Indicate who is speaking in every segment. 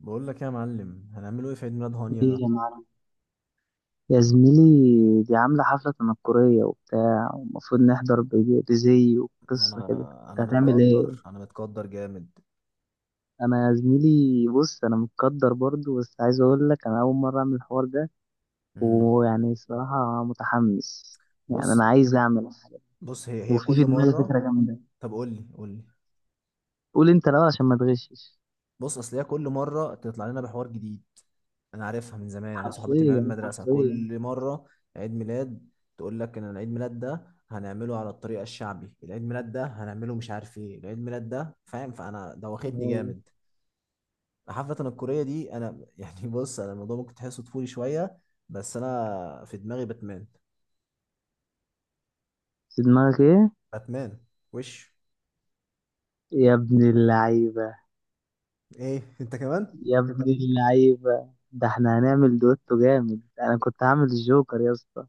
Speaker 1: بقول لك يا معلم هنعمله ايه في عيد ميلاد هانيا
Speaker 2: ايه
Speaker 1: ده؟
Speaker 2: يا معلم، يا زميلي دي عاملة حفلة تنكرية وبتاع، ومفروض نحضر بزي
Speaker 1: ما
Speaker 2: وقصة كده.
Speaker 1: انا
Speaker 2: انت
Speaker 1: انا
Speaker 2: هتعمل ايه؟
Speaker 1: متقدر جامد.
Speaker 2: انا يا زميلي بص، انا متقدر برضو، بس عايز اقول لك انا اول مرة اعمل الحوار ده.
Speaker 1: امم.
Speaker 2: ويعني الصراحة متحمس. يعني
Speaker 1: بص
Speaker 2: انا عايز اعمل حاجة.
Speaker 1: بص هي
Speaker 2: وفي في
Speaker 1: كل
Speaker 2: دماغي
Speaker 1: مره.
Speaker 2: فكرة جامدة.
Speaker 1: طب قول لي قول لي.
Speaker 2: قول انت الاول عشان ما تغشش.
Speaker 1: بص اصل هي كل مره تطلع لنا بحوار جديد. انا عارفها من زمان، يعني صحابتي من ايام
Speaker 2: حرفيا
Speaker 1: المدرسه،
Speaker 2: حرفيا.
Speaker 1: كل مره عيد ميلاد تقول لك ان العيد ميلاد ده هنعمله على الطريقه الشعبي، العيد ميلاد ده هنعمله مش عارف ايه، العيد ميلاد ده، فاهم؟ فانا دوختني
Speaker 2: آه.
Speaker 1: جامد. حفلة الكورية دي أنا يعني بص، أنا الموضوع ممكن تحسه طفولي شوية، بس أنا في دماغي باتمان.
Speaker 2: في دماغك ايه؟
Speaker 1: باتمان. وش.
Speaker 2: يا ابن اللعيبة.
Speaker 1: إيه أنت كمان؟
Speaker 2: يا ابن اللعيبة، ده احنا هنعمل دويتو جامد. انا كنت هعمل الجوكر يا اسطى.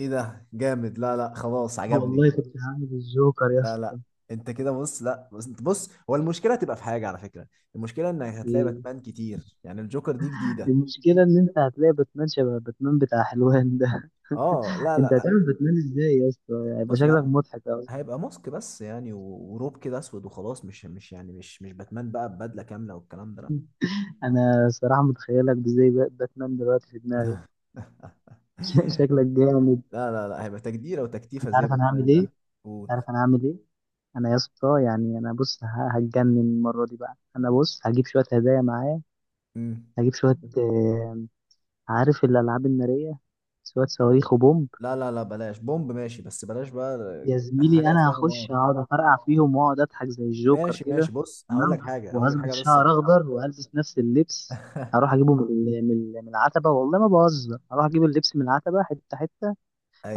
Speaker 1: إيه ده جامد، لا لا خلاص عجبني.
Speaker 2: والله كنت هعمل الجوكر يا
Speaker 1: لا لا.
Speaker 2: اسطى.
Speaker 1: أنت كده بص، لا، بص أنت، بص هو المشكلة هتبقى في حاجة على فكرة. المشكلة إنك هتلاقي
Speaker 2: ايه.
Speaker 1: باتمان كتير، يعني الجوكر دي جديدة.
Speaker 2: المشكلة ان انت هتلاقي باتمان شبه باتمان بتاع حلوان ده.
Speaker 1: أه لا
Speaker 2: انت
Speaker 1: لا.
Speaker 2: هتعمل باتمان ازاي يا اسطى؟ هيبقى
Speaker 1: بص يا
Speaker 2: شكلك
Speaker 1: عم،
Speaker 2: مضحك اوي.
Speaker 1: هيبقى ماسك بس يعني وروب كده أسود وخلاص، مش يعني مش باتمان بقى ببدلة كاملة والكلام ده.
Speaker 2: انا صراحة متخيلك ازاي باتمان دلوقتي في دماغي.
Speaker 1: لا.
Speaker 2: شكلك جامد.
Speaker 1: لا لا لا، هيبقى تجديرة وتكتيفة
Speaker 2: انت
Speaker 1: زي
Speaker 2: عارف انا هعمل
Speaker 1: باتمان
Speaker 2: ايه؟
Speaker 1: ده. قول.
Speaker 2: انت عارف انا هعمل ايه؟ انا يا اسطى يعني انا بص، هتجنن المره دي بقى. انا بص هجيب شويه هدايا معايا.
Speaker 1: مم.
Speaker 2: هجيب شويه، عارف الالعاب الناريه، شويه صواريخ وبومب.
Speaker 1: لا لا لا، بلاش بومب، ماشي بس بلاش بقى.
Speaker 2: يا زميلي
Speaker 1: حاجة
Speaker 2: انا
Speaker 1: فيها نار.
Speaker 2: هخش هقعد افرقع فيهم واقعد اضحك زي الجوكر
Speaker 1: ماشي
Speaker 2: كده.
Speaker 1: ماشي، بص هقول
Speaker 2: تمام.
Speaker 1: لك حاجة هقول لك
Speaker 2: وهظبط
Speaker 1: حاجة بس.
Speaker 2: شعر اخضر والبس نفس اللبس. هروح اجيبه من العتبه، والله ما بهزر. هروح اجيب اللبس من العتبه حته حته.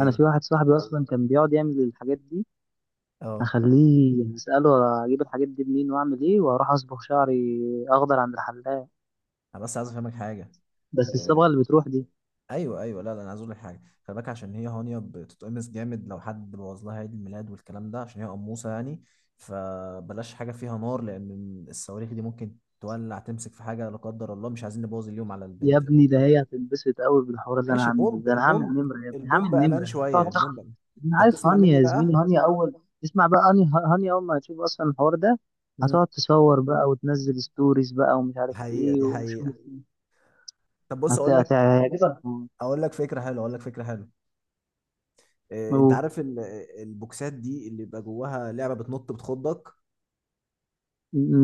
Speaker 2: انا في واحد صاحبي اصلا كان بيقعد يعمل الحاجات دي.
Speaker 1: اه
Speaker 2: هخليه اساله اجيب الحاجات دي منين واعمل ايه، واروح اصبغ شعري اخضر عند الحلاق.
Speaker 1: انا بس عايز افهمك حاجة.
Speaker 2: بس
Speaker 1: آه.
Speaker 2: الصبغه اللي بتروح دي.
Speaker 1: ايوه ايوه، لا لا، انا عايز اقول لك حاجة، خلي بالك عشان هي هانيا بتتقمص جامد لو حد بوظ لها عيد الميلاد والكلام ده، عشان هي قموصة يعني. فبلاش حاجة فيها نار، لأن الصواريخ دي ممكن تولع تمسك في حاجة لا قدر الله، مش عايزين نبوظ اليوم على
Speaker 2: يا
Speaker 1: البنت.
Speaker 2: ابني، ده هي هتنبسط قوي بالحوار اللي انا
Speaker 1: ماشي
Speaker 2: هعمله
Speaker 1: بومب
Speaker 2: ده. انا هعمل
Speaker 1: البومب.
Speaker 2: نمره يا ابني، هعمل
Speaker 1: البومب امان
Speaker 2: نمره
Speaker 1: شويه،
Speaker 2: تقعد
Speaker 1: البومب
Speaker 2: تخ...
Speaker 1: أمان.
Speaker 2: انا
Speaker 1: طب
Speaker 2: عارف
Speaker 1: تسمع
Speaker 2: هانيا
Speaker 1: مني
Speaker 2: يا
Speaker 1: بقى.
Speaker 2: زميلي. هانيا اول، اسمع بقى. هانيا اول ما هتشوف اصلا الحوار ده،
Speaker 1: امم.
Speaker 2: هتقعد تصور بقى وتنزل ستوريز بقى ومش عارف
Speaker 1: حقيقه،
Speaker 2: ايه،
Speaker 1: دي
Speaker 2: ومش
Speaker 1: حقيقه. طب بص، اقول لك
Speaker 2: هيعجبك.
Speaker 1: اقول لك فكره حلوه اقول لك فكره حلوه. إيه، انت
Speaker 2: و-
Speaker 1: عارف البوكسات دي اللي بيبقى جواها لعبه بتنط بتخضك؟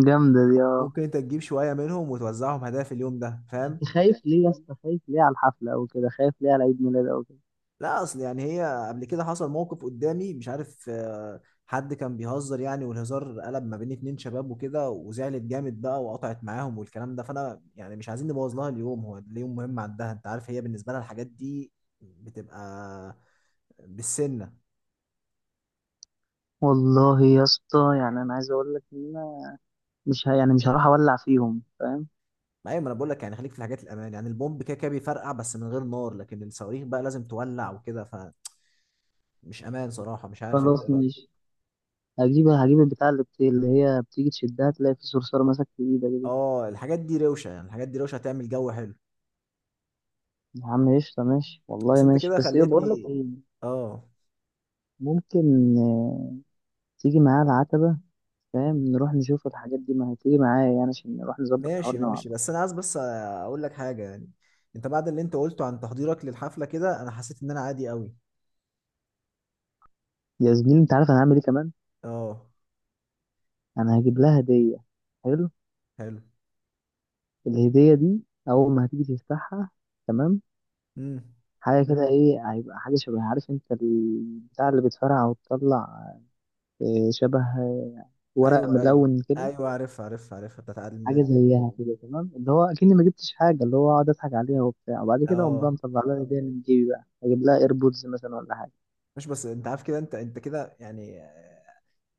Speaker 2: جامده دي. اه.
Speaker 1: ممكن انت تجيب شويه منهم وتوزعهم هدايا في اليوم ده، فاهم؟
Speaker 2: انت خايف ليه يا اسطى؟ خايف ليه على الحفله او كده؟ خايف ليه على عيد ميلاد او كده؟
Speaker 1: لا اصل يعني هي قبل كده حصل موقف قدامي، مش عارف، حد كان بيهزر يعني والهزار قلب ما بين اتنين شباب وكده، وزعلت جامد بقى وقطعت معاهم والكلام ده. فانا يعني مش عايزين نبوظ لها اليوم، هو اليوم مهم عندها، انت عارف، هي بالنسبه لها الحاجات دي بتبقى بالسنه.
Speaker 2: والله يا اسطى يعني انا عايز اقول لك ان انا مش ه... يعني مش هروح اولع فيهم، فاهم.
Speaker 1: ايوه، ما انا بقول لك يعني خليك في الحاجات الامان، يعني البومب كده كده بيفرقع بس من غير نار، لكن الصواريخ بقى لازم تولع وكده، فمش امان صراحه، مش عارف انت ايه
Speaker 2: خلاص
Speaker 1: رايك.
Speaker 2: ماشي. هجيب البتاع اللي هي بتيجي تشدها تلاقي في صرصار ماسك في ايدك دي.
Speaker 1: اه الحاجات دي روشه، يعني الحاجات دي روشه هتعمل جو حلو.
Speaker 2: يا عم قشطة ماشي، والله
Speaker 1: بس انت
Speaker 2: ماشي.
Speaker 1: كده
Speaker 2: بس ايه بقول لك
Speaker 1: خليتني.
Speaker 2: ايه؟
Speaker 1: اه
Speaker 2: ممكن تيجي معايا العتبة. فاهم؟ نروح نشوف الحاجات دي، ما هتيجي معايا يعني عشان نروح نظبط الحوار
Speaker 1: ماشي
Speaker 2: ده مع
Speaker 1: ماشي،
Speaker 2: بعض.
Speaker 1: بس انا عايز بس اقول لك حاجه يعني. انت بعد اللي انت قلته عن تحضيرك للحفله كده، انا حسيت ان انا عادي قوي.
Speaker 2: يا زميلي انت عارف انا هعمل ايه كمان؟
Speaker 1: اه.
Speaker 2: انا هجيب لها هدية. حلو.
Speaker 1: حلو.
Speaker 2: الهدية دي اول ما هتيجي تفتحها، تمام،
Speaker 1: امم.
Speaker 2: حاجة كده ايه، هيبقى حاجة شبه عارف انت البتاع اللي بتفرقع وتطلع، شبه ورق
Speaker 1: ايوه ايوه
Speaker 2: ملون كده.
Speaker 1: ايوه، عارفها عارفها عارفها بتاعت عيد
Speaker 2: حاجه
Speaker 1: الميلاد دي.
Speaker 2: زيها كده تمام. اللي هو اكني ما جبتش حاجه، اللي هو اقعد اضحك عليها وبتاع، وبعد كده اقوم بقى
Speaker 1: اه،
Speaker 2: مطلع لها هديه من جيبي بقى، اجيب لها ايربودز مثلا ولا حاجه.
Speaker 1: مش بس انت عارف كده، انت كده يعني،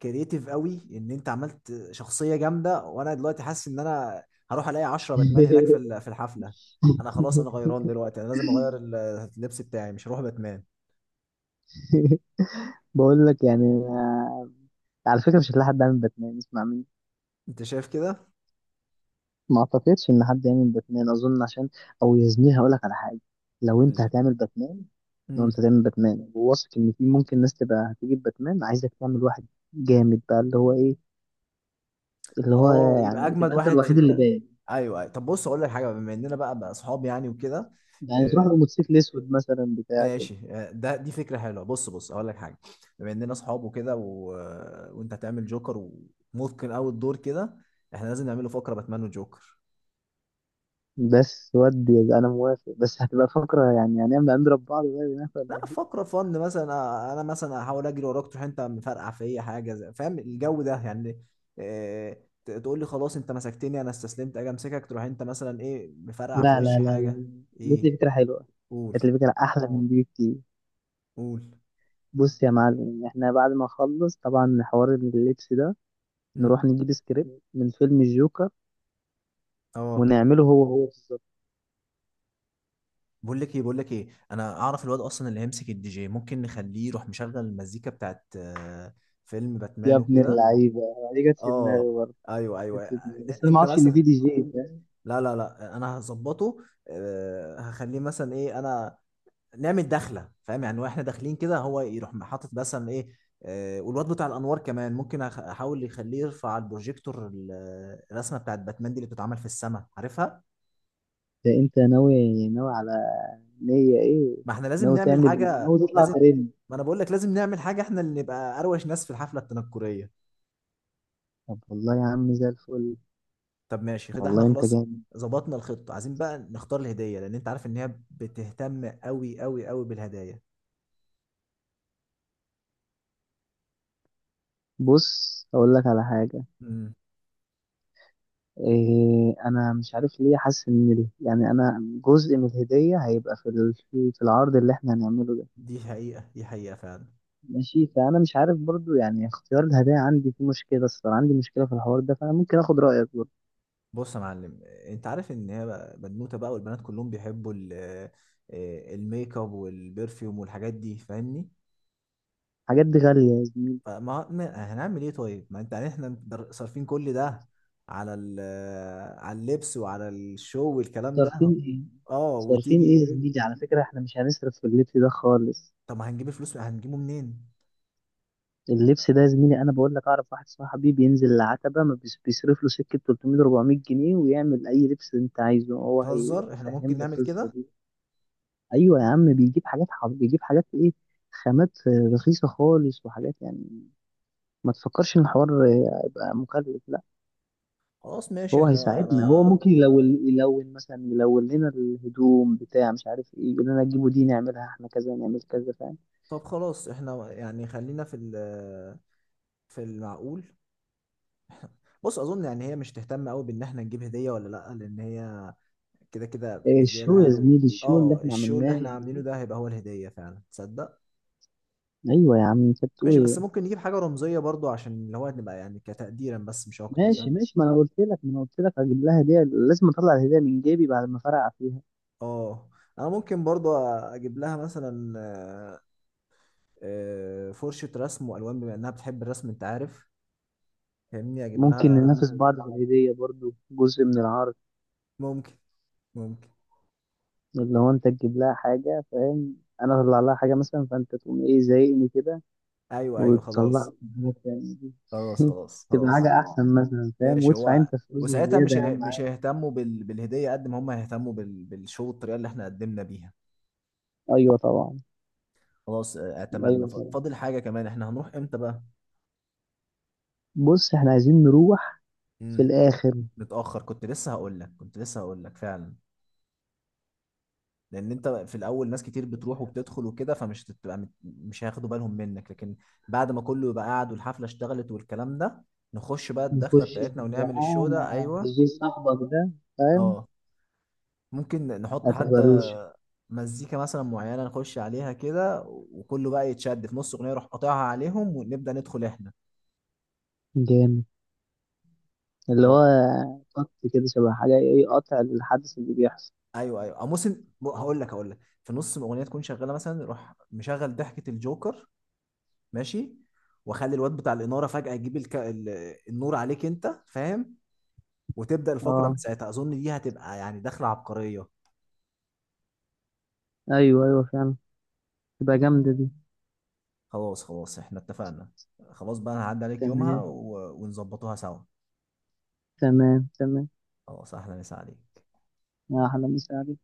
Speaker 1: كرييتيف قوي، ان انت عملت شخصيه جامده، وانا دلوقتي حاسس ان انا هروح الاقي 10 باتمان هناك في الحفله. انا خلاص، انا غيران دلوقتي، انا لازم اغير اللبس بتاعي، مش هروح باتمان.
Speaker 2: بقول لك يعني على فكره مش هتلاقي حد عامل باتمان، اسمع مني.
Speaker 1: انت شايف كده؟
Speaker 2: ما اعتقدش ان حد يعمل باتمان اظن عشان. او يا زميلي، هقول لك على حاجه. لو انت
Speaker 1: قول
Speaker 2: هتعمل باتمان، لو
Speaker 1: لي.
Speaker 2: انت هتعمل باتمان وواثق ان في ممكن ناس تبقى هتجيب باتمان، عايزك تعمل واحد جامد بقى اللي هو ايه، اللي هو
Speaker 1: اه يبقى
Speaker 2: يعني
Speaker 1: اجمد
Speaker 2: تبقى انت
Speaker 1: واحد
Speaker 2: الوحيد اللي باين.
Speaker 1: ايوه ايوه. طب بص اقول لك حاجه، بما اننا بقى اصحاب يعني وكده،
Speaker 2: يعني تروح
Speaker 1: آه،
Speaker 2: بموتوسيكل اسود مثلا بتاع كده.
Speaker 1: ماشي ده دي فكره حلوه. بص اقول لك حاجه، بما اننا اصحاب وكده وانت هتعمل جوكر، ومتقن قوي الدور كده، احنا لازم نعمله فقره باتمان وجوكر.
Speaker 2: بس ودي يبقى انا موافق، بس هتبقى فقرة يعني، هنضرب بعض بقى هناك ولا
Speaker 1: لا
Speaker 2: ايه؟
Speaker 1: فقره فن مثلا، انا مثلا هحاول اجري وراك، تروح انت مفرقع فيا حاجه فاهم الجو ده يعني؟ آه، تقول لي خلاص انت مسكتني، انا استسلمت، اجي امسكك تروح انت مثلا ايه مفرقع في
Speaker 2: لا لا
Speaker 1: وشي
Speaker 2: لا
Speaker 1: حاجه.
Speaker 2: لا، جت لي
Speaker 1: ايه.
Speaker 2: فكرة حلوة.
Speaker 1: قول
Speaker 2: جت لي فكرة احلى من دي بكتير.
Speaker 1: قول
Speaker 2: بص يا معلم، احنا بعد ما نخلص طبعا حوار اللبس ده، نروح نجيب سكريبت من فيلم الجوكر
Speaker 1: اه
Speaker 2: ونعمله هو هو بالظبط.
Speaker 1: بقول لك ايه بقول لك ايه، انا اعرف الواد اصلا اللي هيمسك الدي جي، ممكن نخليه يروح مشغل المزيكا بتاعت فيلم
Speaker 2: يا
Speaker 1: باتمان
Speaker 2: ابن
Speaker 1: وكده.
Speaker 2: اللعيبة، دي جت في دماغي
Speaker 1: اه
Speaker 2: برضه.
Speaker 1: ايوه
Speaker 2: جت
Speaker 1: ايوه.
Speaker 2: في دماغي، بس انا ما
Speaker 1: انت
Speaker 2: اعرفش ان في
Speaker 1: مثلا،
Speaker 2: دي جي ده.
Speaker 1: لا لا لا انا هظبطه، هخليه مثلا ايه، انا نعمل دخله، فاهم يعني؟ واحنا داخلين كده هو يروح حاطط مثلا ايه، والواد بتاع الانوار كمان ممكن احاول يخليه يرفع على البروجيكتور الرسمه بتاعت باتمان دي اللي بتتعمل في السماء عارفها.
Speaker 2: ده انت ناوي ناوي على، نية ايه؟
Speaker 1: ما احنا لازم
Speaker 2: ناوي
Speaker 1: نعمل
Speaker 2: تعمل إيه؟
Speaker 1: حاجة،
Speaker 2: ناوي تطلع
Speaker 1: لازم.
Speaker 2: ترند؟
Speaker 1: ما انا بقول لك لازم نعمل حاجة، احنا اللي نبقى اروش ناس في الحفلة التنكرية.
Speaker 2: طب والله يا عم زي الفل.
Speaker 1: طب ماشي كده، احنا
Speaker 2: والله انت
Speaker 1: خلاص
Speaker 2: جامد.
Speaker 1: ظبطنا الخطة، عايزين بقى نختار الهدية، لان انت عارف ان هي بتهتم قوي قوي قوي بالهدايا.
Speaker 2: بص اقول لك على حاجه.
Speaker 1: امم.
Speaker 2: إيه، انا مش عارف ليه حاسس ان يعني انا جزء من الهديه هيبقى في ال- في في العرض اللي احنا هنعمله ده.
Speaker 1: دي حقيقة، دي حقيقة فعلا.
Speaker 2: ماشي، فانا مش عارف برضو يعني اختيار الهدايا عندي فيه مشكله الصراحه، عندي مشكله في الحوار ده. فانا ممكن اخد رايك برضو.
Speaker 1: بص يا معلم، انت عارف ان هي بنوتة بقى، والبنات كلهم بيحبوا الميك اب والبرفيوم والحاجات دي، فاهمني؟
Speaker 2: الحاجات دي غاليه يا زميلي.
Speaker 1: فما هنعمل ايه طيب، ما انت يعني احنا صارفين كل ده على ال على اللبس وعلى الشو والكلام ده.
Speaker 2: صارفين ايه؟
Speaker 1: اه
Speaker 2: صارفين ايه يا
Speaker 1: وتيجي.
Speaker 2: زميلي؟ على فكره احنا مش هنصرف في اللبس ده خالص.
Speaker 1: طب ما هنجيب الفلوس هنجيبه منين؟
Speaker 2: اللبس ده يا زميلي انا بقول لك، اعرف واحد صاحبي بينزل العتبه ما بيصرف له سكه 300 400 جنيه ويعمل اي لبس انت عايزه. هو
Speaker 1: بتهزر، احنا ممكن
Speaker 2: هيفهم لك
Speaker 1: نعمل
Speaker 2: القصه
Speaker 1: كده.
Speaker 2: دي. ايوه يا عم، بيجيب حاجات ايه، خامات، رخيصه خالص، وحاجات يعني. ما تفكرش ان الحوار هيبقى مكلف، لا.
Speaker 1: خلاص ماشي
Speaker 2: هو
Speaker 1: احنا.
Speaker 2: هيساعدنا. هو ممكن يلون مثلا، يلون لنا الهدوم بتاع مش عارف ايه، يقول لنا جيبوا دي نعملها احنا كذا، نعمل كذا. فاهم؟
Speaker 1: طب خلاص، احنا يعني خلينا في المعقول. بص اظن يعني هي مش تهتم قوي بان احنا نجيب هدية ولا لا، لان هي كده كده
Speaker 2: آه،
Speaker 1: بيجي
Speaker 2: الشو يا
Speaker 1: لها.
Speaker 2: زميلي، الشو اللي
Speaker 1: اه
Speaker 2: احنا
Speaker 1: الشو اللي
Speaker 2: عملناه.
Speaker 1: احنا عاملينه ده هيبقى هو الهدية فعلا، تصدق؟
Speaker 2: ايوه يا عم، انت بتقول
Speaker 1: ماشي، بس
Speaker 2: إيه؟
Speaker 1: ممكن نجيب حاجة رمزية برضو عشان اللي هو نبقى يعني كتقديرا بس، مش أكتر،
Speaker 2: ماشي
Speaker 1: فاهم؟
Speaker 2: ماشي. ما انا قلت لك هجيب لها هديه، لازم اطلع الهديه من جيبي بعد ما فرقع فيها.
Speaker 1: اه أنا ممكن برضو أجيب لها مثلا، آه، فرشة رسم وألوان، بما إنها بتحب الرسم أنت عارف، فاهمني؟ أجيب
Speaker 2: ممكن
Speaker 1: لها.
Speaker 2: ننافس بعض في الهديه، برضو جزء من العرض.
Speaker 1: ممكن. ممكن.
Speaker 2: اللي هو انت تجيب لها حاجه، فاهم. انا اطلع لها حاجه مثلا، فانت تقوم ايه زايقني كده،
Speaker 1: أيوه أيوه
Speaker 2: وتطلع
Speaker 1: خلاص.
Speaker 2: لي حاجه تانية.
Speaker 1: خلاص خلاص.
Speaker 2: تبقى
Speaker 1: خلاص
Speaker 2: حاجه احسن مثلا، فاهم.
Speaker 1: ماشي
Speaker 2: وادفع
Speaker 1: هو،
Speaker 2: انت فلوس
Speaker 1: وساعتها
Speaker 2: زياده يا عم
Speaker 1: مش
Speaker 2: عادي.
Speaker 1: هيهتموا بالهدية قد ما هم هيهتموا بالشو الطريقة اللي احنا قدمنا بيها.
Speaker 2: ايوه طبعا.
Speaker 1: خلاص، اعتمدنا
Speaker 2: ايوه
Speaker 1: ف-
Speaker 2: طبعا.
Speaker 1: فاضل حاجة كمان، احنا هنروح امتى بقى؟
Speaker 2: بص احنا عايزين نروح في
Speaker 1: مم.
Speaker 2: الاخر.
Speaker 1: متأخر، كنت لسه هقول لك كنت لسه هقول لك فعلا، لأن أنت في الأول ناس كتير بتروح وبتدخل وكده فمش تبقى مش هياخدوا بالهم منك، لكن بعد ما كله يبقى قاعد والحفلة اشتغلت والكلام ده، نخش بقى الدخلة
Speaker 2: نخش
Speaker 1: بتاعتنا ونعمل الشو
Speaker 2: بقى
Speaker 1: ده.
Speaker 2: مع
Speaker 1: أيوه.
Speaker 2: الجي صاحبك ده، فاهم؟
Speaker 1: أه ممكن نحط
Speaker 2: هتبقى
Speaker 1: حتى
Speaker 2: روش.
Speaker 1: مزيكا مثلا معينة نخش عليها كده، وكله بقى يتشد في نص أغنية، يروح قاطعها عليهم ونبدأ ندخل إحنا.
Speaker 2: جامد. اللي هو
Speaker 1: آه.
Speaker 2: قط كده شبه حاجة ايه، قطع الحدث اللي بيحصل.
Speaker 1: ايوه ايوه، او موسم، هقول لك في نص الاغنيه تكون شغاله مثلا يروح مشغل ضحكه الجوكر. ماشي. واخلي الواد بتاع الاناره فجاه يجيب النور عليك انت، فاهم؟ وتبدا الفقره من
Speaker 2: اه.
Speaker 1: ساعتها، اظن دي هتبقى يعني دخله عبقريه.
Speaker 2: ايوه ايوه فعلا. تبقى جامدة دي.
Speaker 1: خلاص خلاص احنا اتفقنا. خلاص بقى انا هعدي عليك يومها
Speaker 2: تمام
Speaker 1: ونظبطوها سوا.
Speaker 2: تمام تمام.
Speaker 1: خلاص، احلى مسا عليك.
Speaker 2: احلى مساعدة.